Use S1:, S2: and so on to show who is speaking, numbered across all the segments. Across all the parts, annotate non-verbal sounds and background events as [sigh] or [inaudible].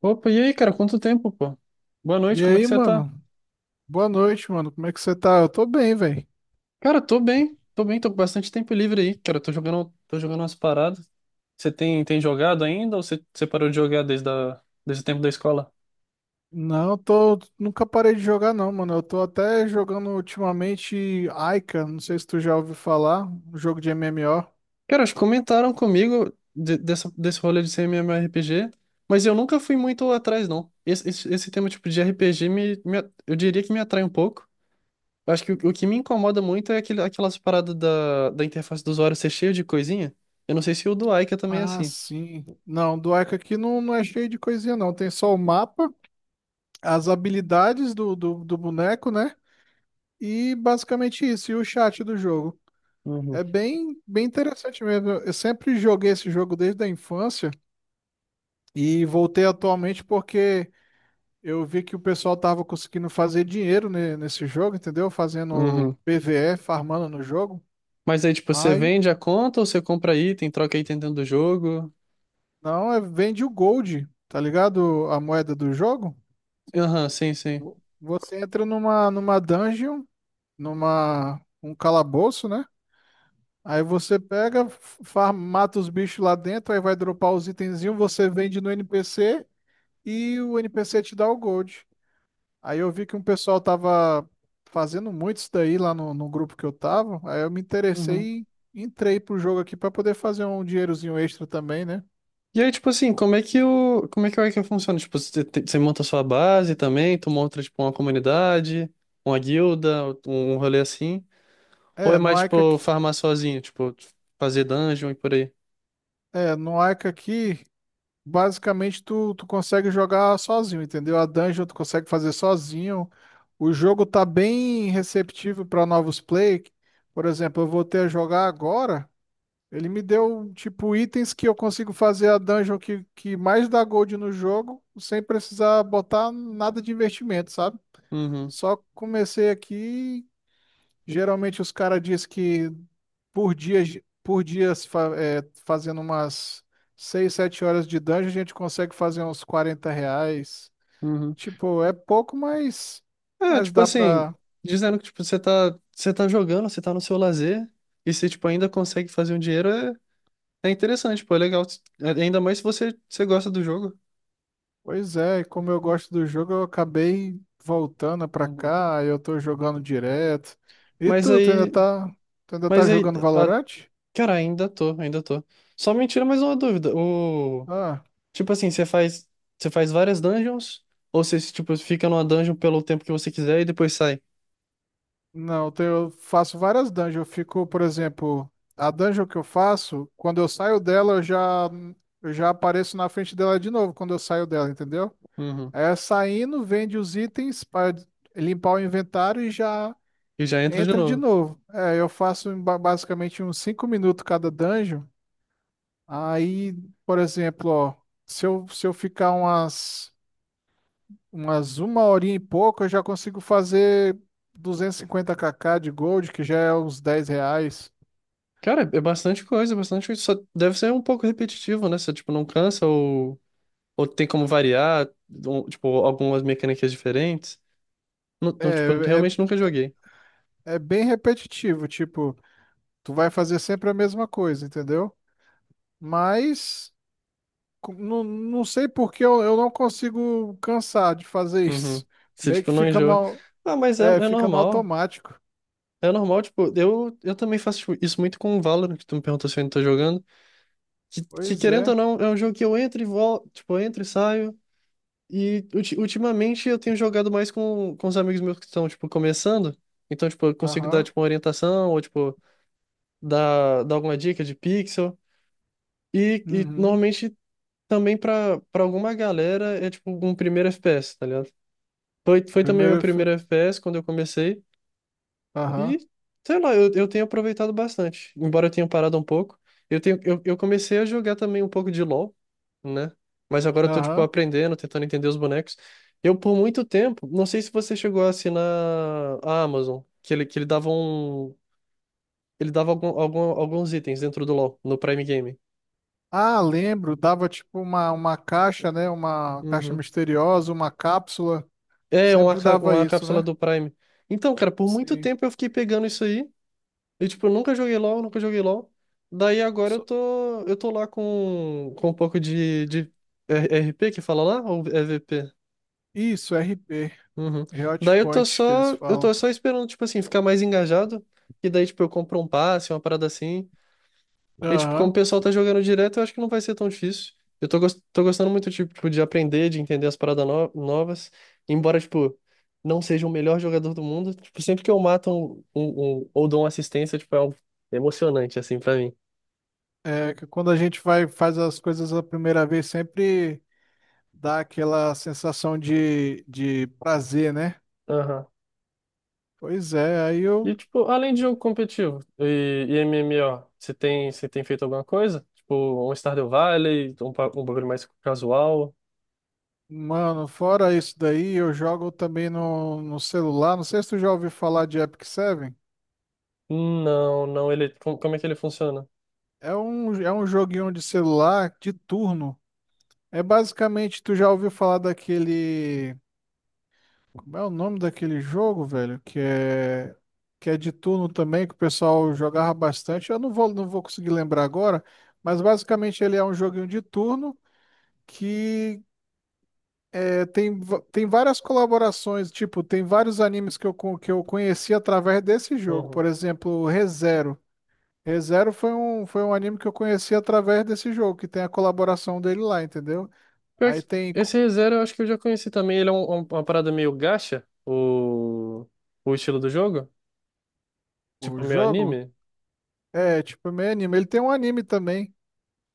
S1: Opa, e aí, cara? Quanto tempo, pô? Boa noite,
S2: E
S1: como é que
S2: aí,
S1: você tá?
S2: mano? Boa noite, mano. Como é que você tá? Eu tô bem, velho.
S1: Cara, tô bem, tô bem, tô com bastante tempo livre aí, cara. Tô jogando umas paradas. Você tem jogado ainda ou você parou de jogar desde o tempo da escola?
S2: Não, eu tô. Nunca parei de jogar, não, mano. Eu tô até jogando ultimamente Aika. Não sei se tu já ouviu falar. Um jogo de MMO.
S1: Cara, acho que comentaram comigo desse rolê de ser MMORPG, mas eu nunca fui muito atrás, não. Esse tema tipo de RPG eu diria que me atrai um pouco. Eu acho que o que me incomoda muito é aquelas paradas da interface do usuário ser cheio de coisinha. Eu não sei se o do Aika também é
S2: Ah,
S1: assim.
S2: sim. Não, do Ica aqui não, não é cheio de coisinha, não. Tem só o mapa, as habilidades do boneco, né? E basicamente isso, e o chat do jogo.
S1: Uhum.
S2: É bem, bem interessante mesmo. Eu sempre joguei esse jogo desde a infância e voltei atualmente porque eu vi que o pessoal tava conseguindo fazer dinheiro nesse jogo, entendeu? Fazendo
S1: Uhum.
S2: PvE, farmando no jogo.
S1: Mas aí, tipo, você
S2: Aí,
S1: vende a conta ou você compra item, troca item dentro do jogo?
S2: não, é, vende o gold, tá ligado? A moeda do jogo.
S1: Aham, sim, sim.
S2: Você entra numa dungeon. Numa Um calabouço, né? Aí você pega, mata os bichos lá dentro, aí vai dropar os itenzinhos, você vende no NPC e o NPC te dá o gold. Aí eu vi que um pessoal tava fazendo muito isso daí lá no grupo que eu tava, aí eu me
S1: Uhum.
S2: interessei e entrei pro jogo aqui pra poder fazer um dinheirozinho extra também, né?
S1: E aí, tipo assim, como é que como é que o Ica funciona? Tipo, você monta a sua base também, tu monta, tipo, uma comunidade, uma guilda, um rolê assim? Ou é
S2: É, no
S1: mais,
S2: Ica
S1: tipo,
S2: aqui,
S1: farmar sozinho, tipo, fazer dungeon e por aí?
S2: é, no Ica aqui basicamente, tu consegue jogar sozinho, entendeu? A dungeon tu consegue fazer sozinho. O jogo tá bem receptivo para novos play. Por exemplo, eu voltei a jogar agora. Ele me deu, tipo, itens que eu consigo fazer a dungeon que mais dá gold no jogo, sem precisar botar nada de investimento, sabe?
S1: Uhum,
S2: Só comecei aqui. Geralmente os caras dizem que por dia, por dia se fa- é, fazendo umas 6 7 horas de dungeon, a gente consegue fazer uns 40 reais.
S1: uhum.
S2: Tipo, é pouco, mas,
S1: É,
S2: mas
S1: tipo
S2: dá
S1: assim,
S2: pra.
S1: dizendo que, tipo, você tá jogando, você tá no seu lazer, e você, tipo, ainda consegue fazer um dinheiro, é é interessante, pô, é legal. É, ainda mais se você gosta do jogo.
S2: Pois é, e como eu gosto do jogo, eu acabei voltando pra
S1: Uhum.
S2: cá, aí eu tô jogando direto. E
S1: Mas
S2: tu, tu ainda
S1: aí.
S2: tá, tu ainda tá
S1: Mas aí.
S2: jogando
S1: a-
S2: Valorant?
S1: cara, ainda tô, ainda tô. Só me tira mais uma dúvida. O.
S2: Ah.
S1: Tipo assim, você faz. Você faz várias dungeons? Ou você, tipo, fica numa dungeon pelo tempo que você quiser e depois sai?
S2: Não, eu faço várias dungeons. Eu fico, por exemplo, a dungeon que eu faço, quando eu saio dela, eu já apareço na frente dela de novo quando eu saio dela, entendeu?
S1: Uhum.
S2: É saindo, vende os itens para limpar o inventário e já
S1: E já entra de
S2: entra de
S1: novo.
S2: novo. É, eu faço em basicamente uns 5 minutos cada dungeon. Aí, por exemplo, ó, se eu ficar umas uma horinha e pouco eu já consigo fazer 250kk de gold, que já é uns 10 reais.
S1: Cara, é bastante coisa, é bastante coisa. Só deve ser um pouco repetitivo, né? Você, tipo, não cansa ou tem como variar, ou, tipo, algumas mecânicas diferentes. Não, não, tipo,
S2: É,
S1: realmente nunca joguei.
S2: é bem repetitivo, tipo, tu vai fazer sempre a mesma coisa, entendeu? Mas não sei por que eu não consigo cansar de fazer [laughs]
S1: Uhum.
S2: isso.
S1: Você,
S2: Meio
S1: tipo,
S2: que
S1: não enjoa. Ah, mas é, é
S2: fica no
S1: normal.
S2: automático.
S1: É normal, tipo, eu também faço tipo, isso muito com o Valorant, que tu me perguntou se eu ainda tô jogando. Que
S2: Pois
S1: querendo
S2: é.
S1: ou não, é um jogo que eu entro e volto, tipo, eu entro e saio. E ultimamente eu tenho jogado mais com os amigos meus que estão, tipo, começando. Então, tipo, eu consigo dar,
S2: Aham.
S1: tipo, uma orientação ou, tipo, dar alguma dica de pixel. E
S2: Uhum.
S1: normalmente também pra alguma galera é, tipo, um primeiro FPS, tá ligado? Foi, foi também meu
S2: Primeiro.
S1: primeiro FPS quando eu comecei.
S2: Aham.
S1: E, sei lá, eu tenho aproveitado bastante. Embora eu tenha parado um pouco, eu tenho, eu comecei a jogar também um pouco de LoL, né? Mas agora eu tô, tipo,
S2: Aham.
S1: aprendendo, tentando entender os bonecos. Eu, por muito tempo, não sei se você chegou a assinar a Amazon, que ele dava um… Ele dava alguns itens dentro do LoL, no Prime Game.
S2: Ah, lembro, dava tipo uma caixa, né? Uma caixa
S1: Uhum.
S2: misteriosa, uma cápsula.
S1: É,
S2: Sempre dava
S1: uma
S2: isso,
S1: cápsula
S2: né?
S1: do Prime. Então, cara, por muito
S2: Sim.
S1: tempo eu fiquei pegando isso aí. E, tipo, eu nunca joguei LoL, nunca joguei LoL. Daí agora
S2: So-
S1: eu tô lá com um pouco de RP que fala lá, ou EVP?
S2: Isso, RP,
S1: Uhum.
S2: Hot
S1: Daí
S2: Point que eles
S1: eu
S2: falam.
S1: tô só esperando, tipo assim, ficar mais engajado. E daí, tipo, eu compro um passe, uma parada assim. E, tipo, como o
S2: Aham.
S1: pessoal tá jogando direto, eu acho que não vai ser tão difícil. Eu tô, tô gostando muito, tipo, de aprender, de entender as paradas novas. Embora, tipo, não seja o melhor jogador do mundo. Tipo, sempre que eu mato ou dou uma assistência, tipo, é é emocionante, assim, pra mim.
S2: É que quando a gente vai faz as coisas a primeira vez, sempre dá aquela sensação de prazer, né?
S1: Aham.
S2: Pois é, aí
S1: E,
S2: eu,
S1: tipo, além de jogo competitivo e m m o você tem feito alguma coisa? Tipo, um Stardew Valley, um bagulho mais casual?
S2: mano, fora isso daí, eu jogo também no celular. Não sei se tu já ouviu falar de Epic Seven.
S1: Não, não, ele, como é que ele funciona?
S2: É um joguinho de celular de turno. É basicamente, tu já ouviu falar daquele. Como é o nome daquele jogo, velho? Que é de turno também, que o pessoal jogava bastante. Eu não vou conseguir lembrar agora, mas basicamente ele é um joguinho de turno que tem várias colaborações. Tipo, tem vários animes que eu conheci através desse jogo.
S1: Uhum.
S2: Por exemplo, ReZero. ReZero foi um anime que eu conheci através desse jogo, que tem a colaboração dele lá, entendeu?
S1: Pior
S2: Aí
S1: que
S2: tem co-
S1: esse ReZero eu acho que eu já conheci também, ele é uma parada meio gacha, o estilo do jogo,
S2: o
S1: tipo meio
S2: jogo,
S1: anime.
S2: é tipo meio anime. Ele tem um anime também.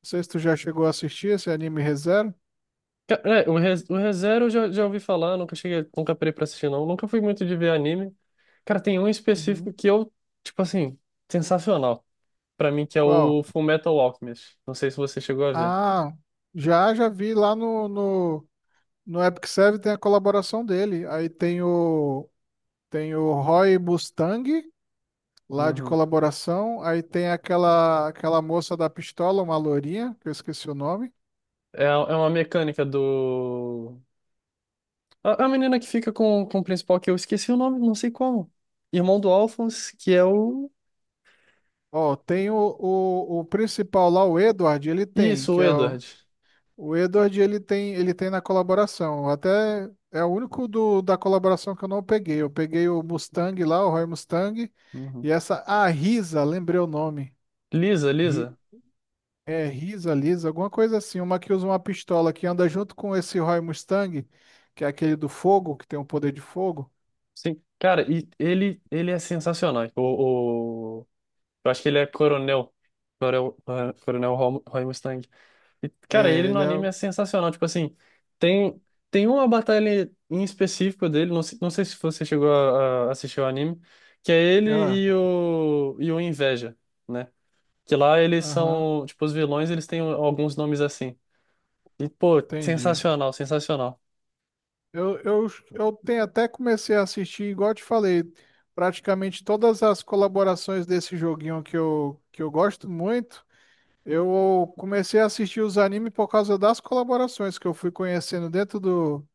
S2: Não sei se tu já chegou a assistir esse anime ReZero.
S1: É, o ReZero eu já, já ouvi falar, nunca cheguei, nunca parei pra assistir não, nunca fui muito de ver anime. Cara, tem um específico
S2: Uhum.
S1: que eu, tipo assim, sensacional. Pra mim, que é
S2: Qual?
S1: o Full Metal Alchemist. Não sei se você chegou a ver.
S2: Ah, já, já vi lá no Epic Serve tem a colaboração dele. Aí tem o Roy Mustang lá de
S1: Uhum.
S2: colaboração. Aí tem aquela moça da pistola, uma lourinha, que eu esqueci o nome.
S1: É, é uma mecânica do. A menina que fica com o principal, que eu esqueci o nome, não sei como. Irmão do Alphonse, que é o.
S2: Ó, tem o principal lá, o Edward,
S1: Isso,
S2: que
S1: o
S2: é o,
S1: Edward.
S2: o Edward, ele tem na colaboração. Até é o único do, da colaboração que eu não peguei. Eu peguei o Mustang lá, o Roy Mustang,
S1: Uhum.
S2: e essa, a Risa, lembrei o nome.
S1: Lisa,
S2: Ri-
S1: Lisa.
S2: É Risa, Lisa, alguma coisa assim, uma que usa uma pistola que anda junto com esse Roy Mustang, que é aquele do fogo, que tem o poder de fogo.
S1: Sim. Cara, e ele é sensacional. Eu acho que ele é coronel. Coronel, coronel Roy Mustang. E, cara, ele
S2: É,
S1: no
S2: ele é.
S1: anime é sensacional. Tipo assim, tem, tem uma batalha em específico dele, não, não sei se você chegou a assistir o anime, que é ele
S2: Ah,
S1: e o Inveja, né? Que lá eles
S2: aham,
S1: são, tipo, os vilões, eles têm alguns nomes assim. E, pô,
S2: entendi.
S1: sensacional, sensacional.
S2: Eu tenho até comecei a assistir, igual eu te falei, praticamente todas as colaborações desse joguinho que eu gosto muito. Eu comecei a assistir os animes por causa das colaborações que eu fui conhecendo dentro do,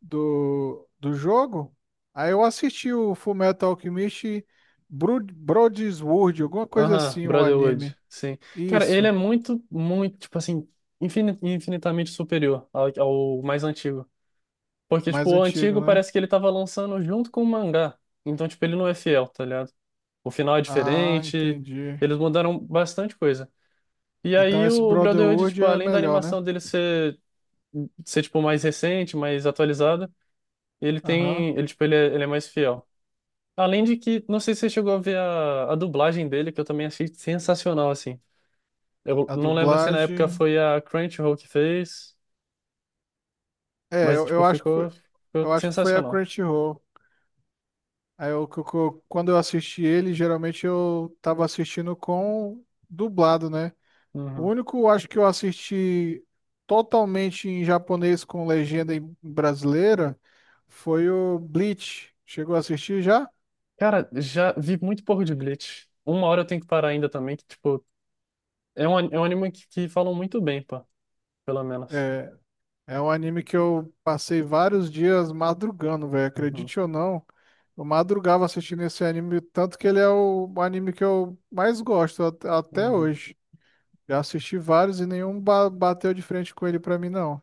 S2: do, do jogo. Aí eu assisti o Fullmetal Alchemist Broadsword, alguma coisa
S1: Aham,
S2: assim, o
S1: Brotherhood,
S2: anime.
S1: sim. Cara, ele
S2: Isso,
S1: é muito, muito, tipo assim, infinitamente superior ao, ao mais antigo. Porque, tipo,
S2: mais
S1: o
S2: antigo,
S1: antigo
S2: né?
S1: parece que ele tava lançando junto com o mangá. Então, tipo, ele não é fiel, tá ligado? O final é
S2: Ah,
S1: diferente,
S2: entendi.
S1: eles mudaram bastante coisa. E
S2: Então
S1: aí
S2: esse
S1: o Brotherhood,
S2: Brotherhood
S1: tipo,
S2: é
S1: além da
S2: melhor, né?
S1: animação dele ser, ser tipo, mais recente, mais atualizada, ele
S2: Aham.
S1: tem. Ele é mais fiel. Além de que, não sei se você chegou a ver a dublagem dele, que eu também achei sensacional, assim. Eu
S2: A
S1: não lembro se na época
S2: dublagem.
S1: foi a Crunchyroll que fez,
S2: É,
S1: mas,
S2: eu,
S1: tipo,
S2: eu acho que
S1: ficou,
S2: foi,
S1: ficou
S2: eu acho que foi a
S1: sensacional.
S2: Crunchyroll. Aí eu, quando eu assisti ele, geralmente eu tava assistindo com dublado, né? O
S1: Uhum.
S2: único, eu acho que eu assisti totalmente em japonês com legenda em brasileira foi o Bleach. Chegou a assistir já?
S1: Cara, já vi muito pouco de Bleach. Uma hora eu tenho que parar ainda também, que, tipo, é é um anime que falam muito bem, pá, pelo menos.
S2: É, É um anime que eu passei vários dias madrugando, velho.
S1: Uhum,
S2: Acredite ou não, eu madrugava assistindo esse anime, tanto que ele é o anime que eu mais gosto até
S1: uhum.
S2: hoje. Já assisti vários e nenhum bateu de frente com ele pra mim, não.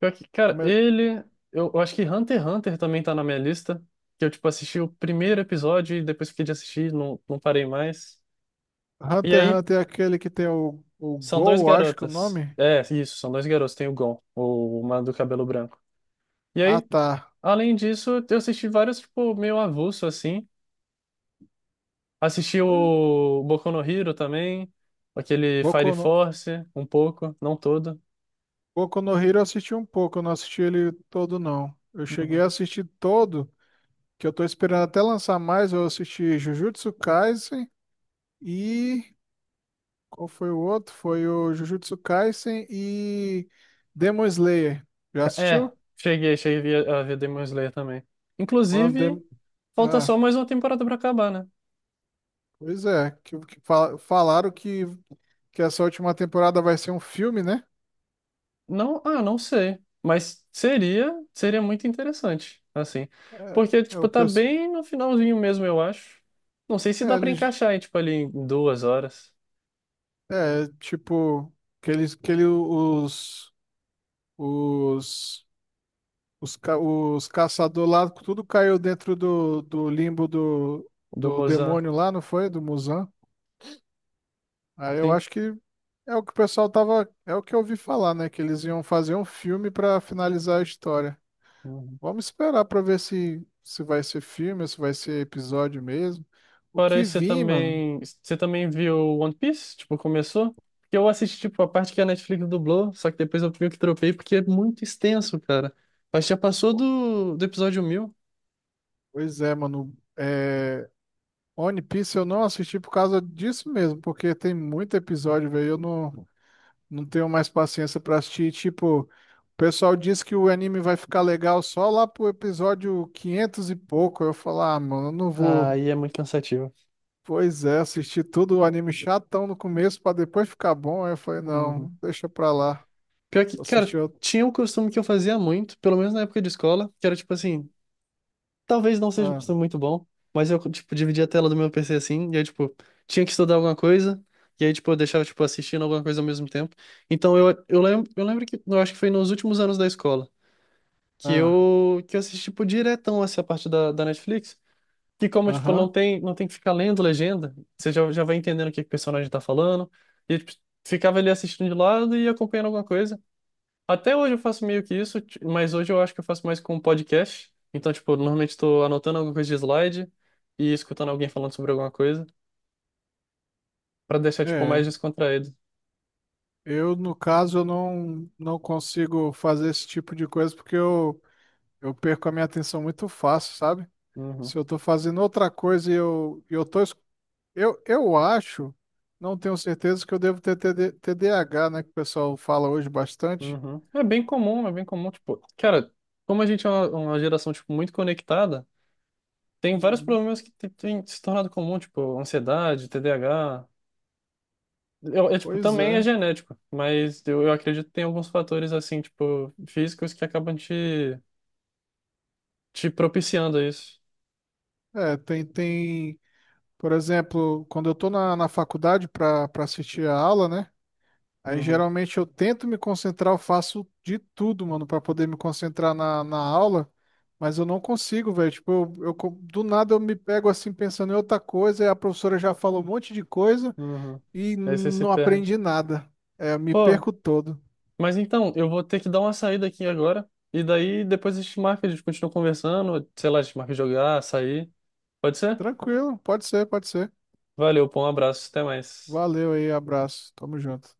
S1: Pior que, cara,
S2: Como é-
S1: ele. Eu acho que Hunter x Hunter também tá na minha lista. Que eu, tipo, assisti o primeiro episódio e depois fiquei de assistir, não, não parei mais. E
S2: Hunter x
S1: aí,
S2: Hunter é aquele que tem o
S1: são dois
S2: Gol, acho que é o
S1: garotas.
S2: nome.
S1: É, isso, são dois garotos. Tem o Gon, o mano do cabelo branco. E
S2: Ah,
S1: aí,
S2: tá.
S1: além disso, eu assisti vários, tipo, meio avulso, assim. Assisti
S2: Pois-
S1: o Boku no Hero também, aquele Fire
S2: Boku no,
S1: Force, um pouco, não todo.
S2: Boku no Hero eu assisti um pouco, eu não assisti ele todo, não. Eu cheguei
S1: Uhum.
S2: a assistir todo, que eu tô esperando até lançar mais, eu assisti Jujutsu Kaisen. E qual foi o outro? Foi o Jujutsu Kaisen e Demon Slayer. Já
S1: É,
S2: assistiu?
S1: cheguei, cheguei a ver Demon Slayer também.
S2: One
S1: Inclusive,
S2: Dem-
S1: falta só
S2: Ah,
S1: mais uma temporada pra acabar, né?
S2: pois é, que falaram que essa última temporada vai ser um filme, né?
S1: Não, ah, não sei, mas seria, seria muito interessante, assim. Porque,
S2: É, é
S1: tipo,
S2: o
S1: tá
S2: pessoal.
S1: bem no finalzinho mesmo, eu acho. Não sei se dá
S2: É,
S1: pra encaixar, hein, tipo, ali em duas horas
S2: é, tipo, que eles, que ele, os, os caçadores lá, tudo caiu dentro do limbo do,
S1: do
S2: do
S1: Mozart,
S2: demônio lá, não foi? Do Muzan. Aí eu
S1: sim.
S2: acho que é o que o pessoal tava, é o que eu ouvi falar, né? Que eles iam fazer um filme pra finalizar a história. Vamos esperar pra ver se vai ser filme, ou se vai ser episódio mesmo. O
S1: Fora
S2: que
S1: isso,
S2: vi, mano?
S1: você também viu One Piece? Tipo, começou? Porque eu assisti, tipo, a parte que a Netflix dublou, só que depois eu meio que tropei porque é muito extenso, cara. Mas já passou do episódio 1000.
S2: Pois é, mano. One Piece eu não assisti por causa disso mesmo, porque tem muito episódio, velho. Eu não tenho mais paciência pra assistir. Tipo, o pessoal diz que o anime vai ficar legal só lá pro episódio 500 e pouco. Eu falo, ah, mano, eu não vou.
S1: Aí é muito cansativo.
S2: Pois é, assisti tudo o anime chatão no começo pra depois ficar bom. Aí eu falei,
S1: Uhum.
S2: não, deixa pra lá.
S1: Pior que,
S2: Assisti
S1: cara,
S2: outro.
S1: tinha um costume que eu fazia muito, pelo menos na época de escola, que era tipo assim, talvez não seja um
S2: Ah,
S1: costume muito bom, mas eu, tipo, dividia a tela do meu PC assim, e aí, tipo, tinha que estudar alguma coisa, e aí, tipo, eu deixava, tipo, assistindo alguma coisa ao mesmo tempo. Então, eu, eu lembro que, eu acho que foi nos últimos anos da escola,
S2: ah,
S1: que eu assisti, tipo, diretão essa parte da Netflix, que como, tipo, não
S2: aham.
S1: tem, não tem que ficar lendo legenda, você já, já vai entendendo que o personagem tá falando, e, tipo, ficava ali assistindo de lado e acompanhando alguma coisa, até hoje eu faço meio que isso, mas hoje eu acho que eu faço mais com podcast. Então, tipo, normalmente estou anotando alguma coisa de slide e escutando alguém falando sobre alguma coisa para deixar, tipo, mais
S2: É,
S1: descontraído.
S2: eu no caso eu não consigo fazer esse tipo de coisa porque eu perco a minha atenção muito fácil, sabe?
S1: Uhum,
S2: Se eu tô fazendo outra coisa e e eu tô. Eu acho, não tenho certeza que eu devo ter TD TDAH, né? Que o pessoal fala hoje bastante.
S1: uhum. É bem comum, tipo, cara, como a gente é uma geração, tipo, muito conectada, tem vários
S2: Uhum.
S1: problemas têm se tornado comum, tipo, ansiedade, TDAH. Eu, é, tipo,
S2: Pois
S1: também é
S2: é.
S1: genético, mas eu acredito que tem alguns fatores, assim, tipo, físicos que acabam te, te propiciando a isso.
S2: É, tem, tem. Por exemplo, quando eu tô na faculdade para assistir a aula, né? Aí
S1: Uhum.
S2: geralmente eu tento me concentrar, eu faço de tudo, mano, para poder me concentrar na aula, mas eu não consigo, velho. Tipo, do nada eu me pego assim pensando em outra coisa, e a professora já falou um monte de coisa
S1: Uhum.
S2: e
S1: Aí você se
S2: não
S1: perde.
S2: aprendi nada. É, eu me
S1: Pô,
S2: perco todo.
S1: mas então, eu vou ter que dar uma saída aqui agora. E daí depois a gente marca, a gente continua conversando. Sei lá, a gente marca jogar, sair. Pode ser?
S2: Tranquilo, pode ser, pode ser.
S1: Valeu, pô, um abraço, até mais.
S2: Valeu aí, abraço. Tamo junto.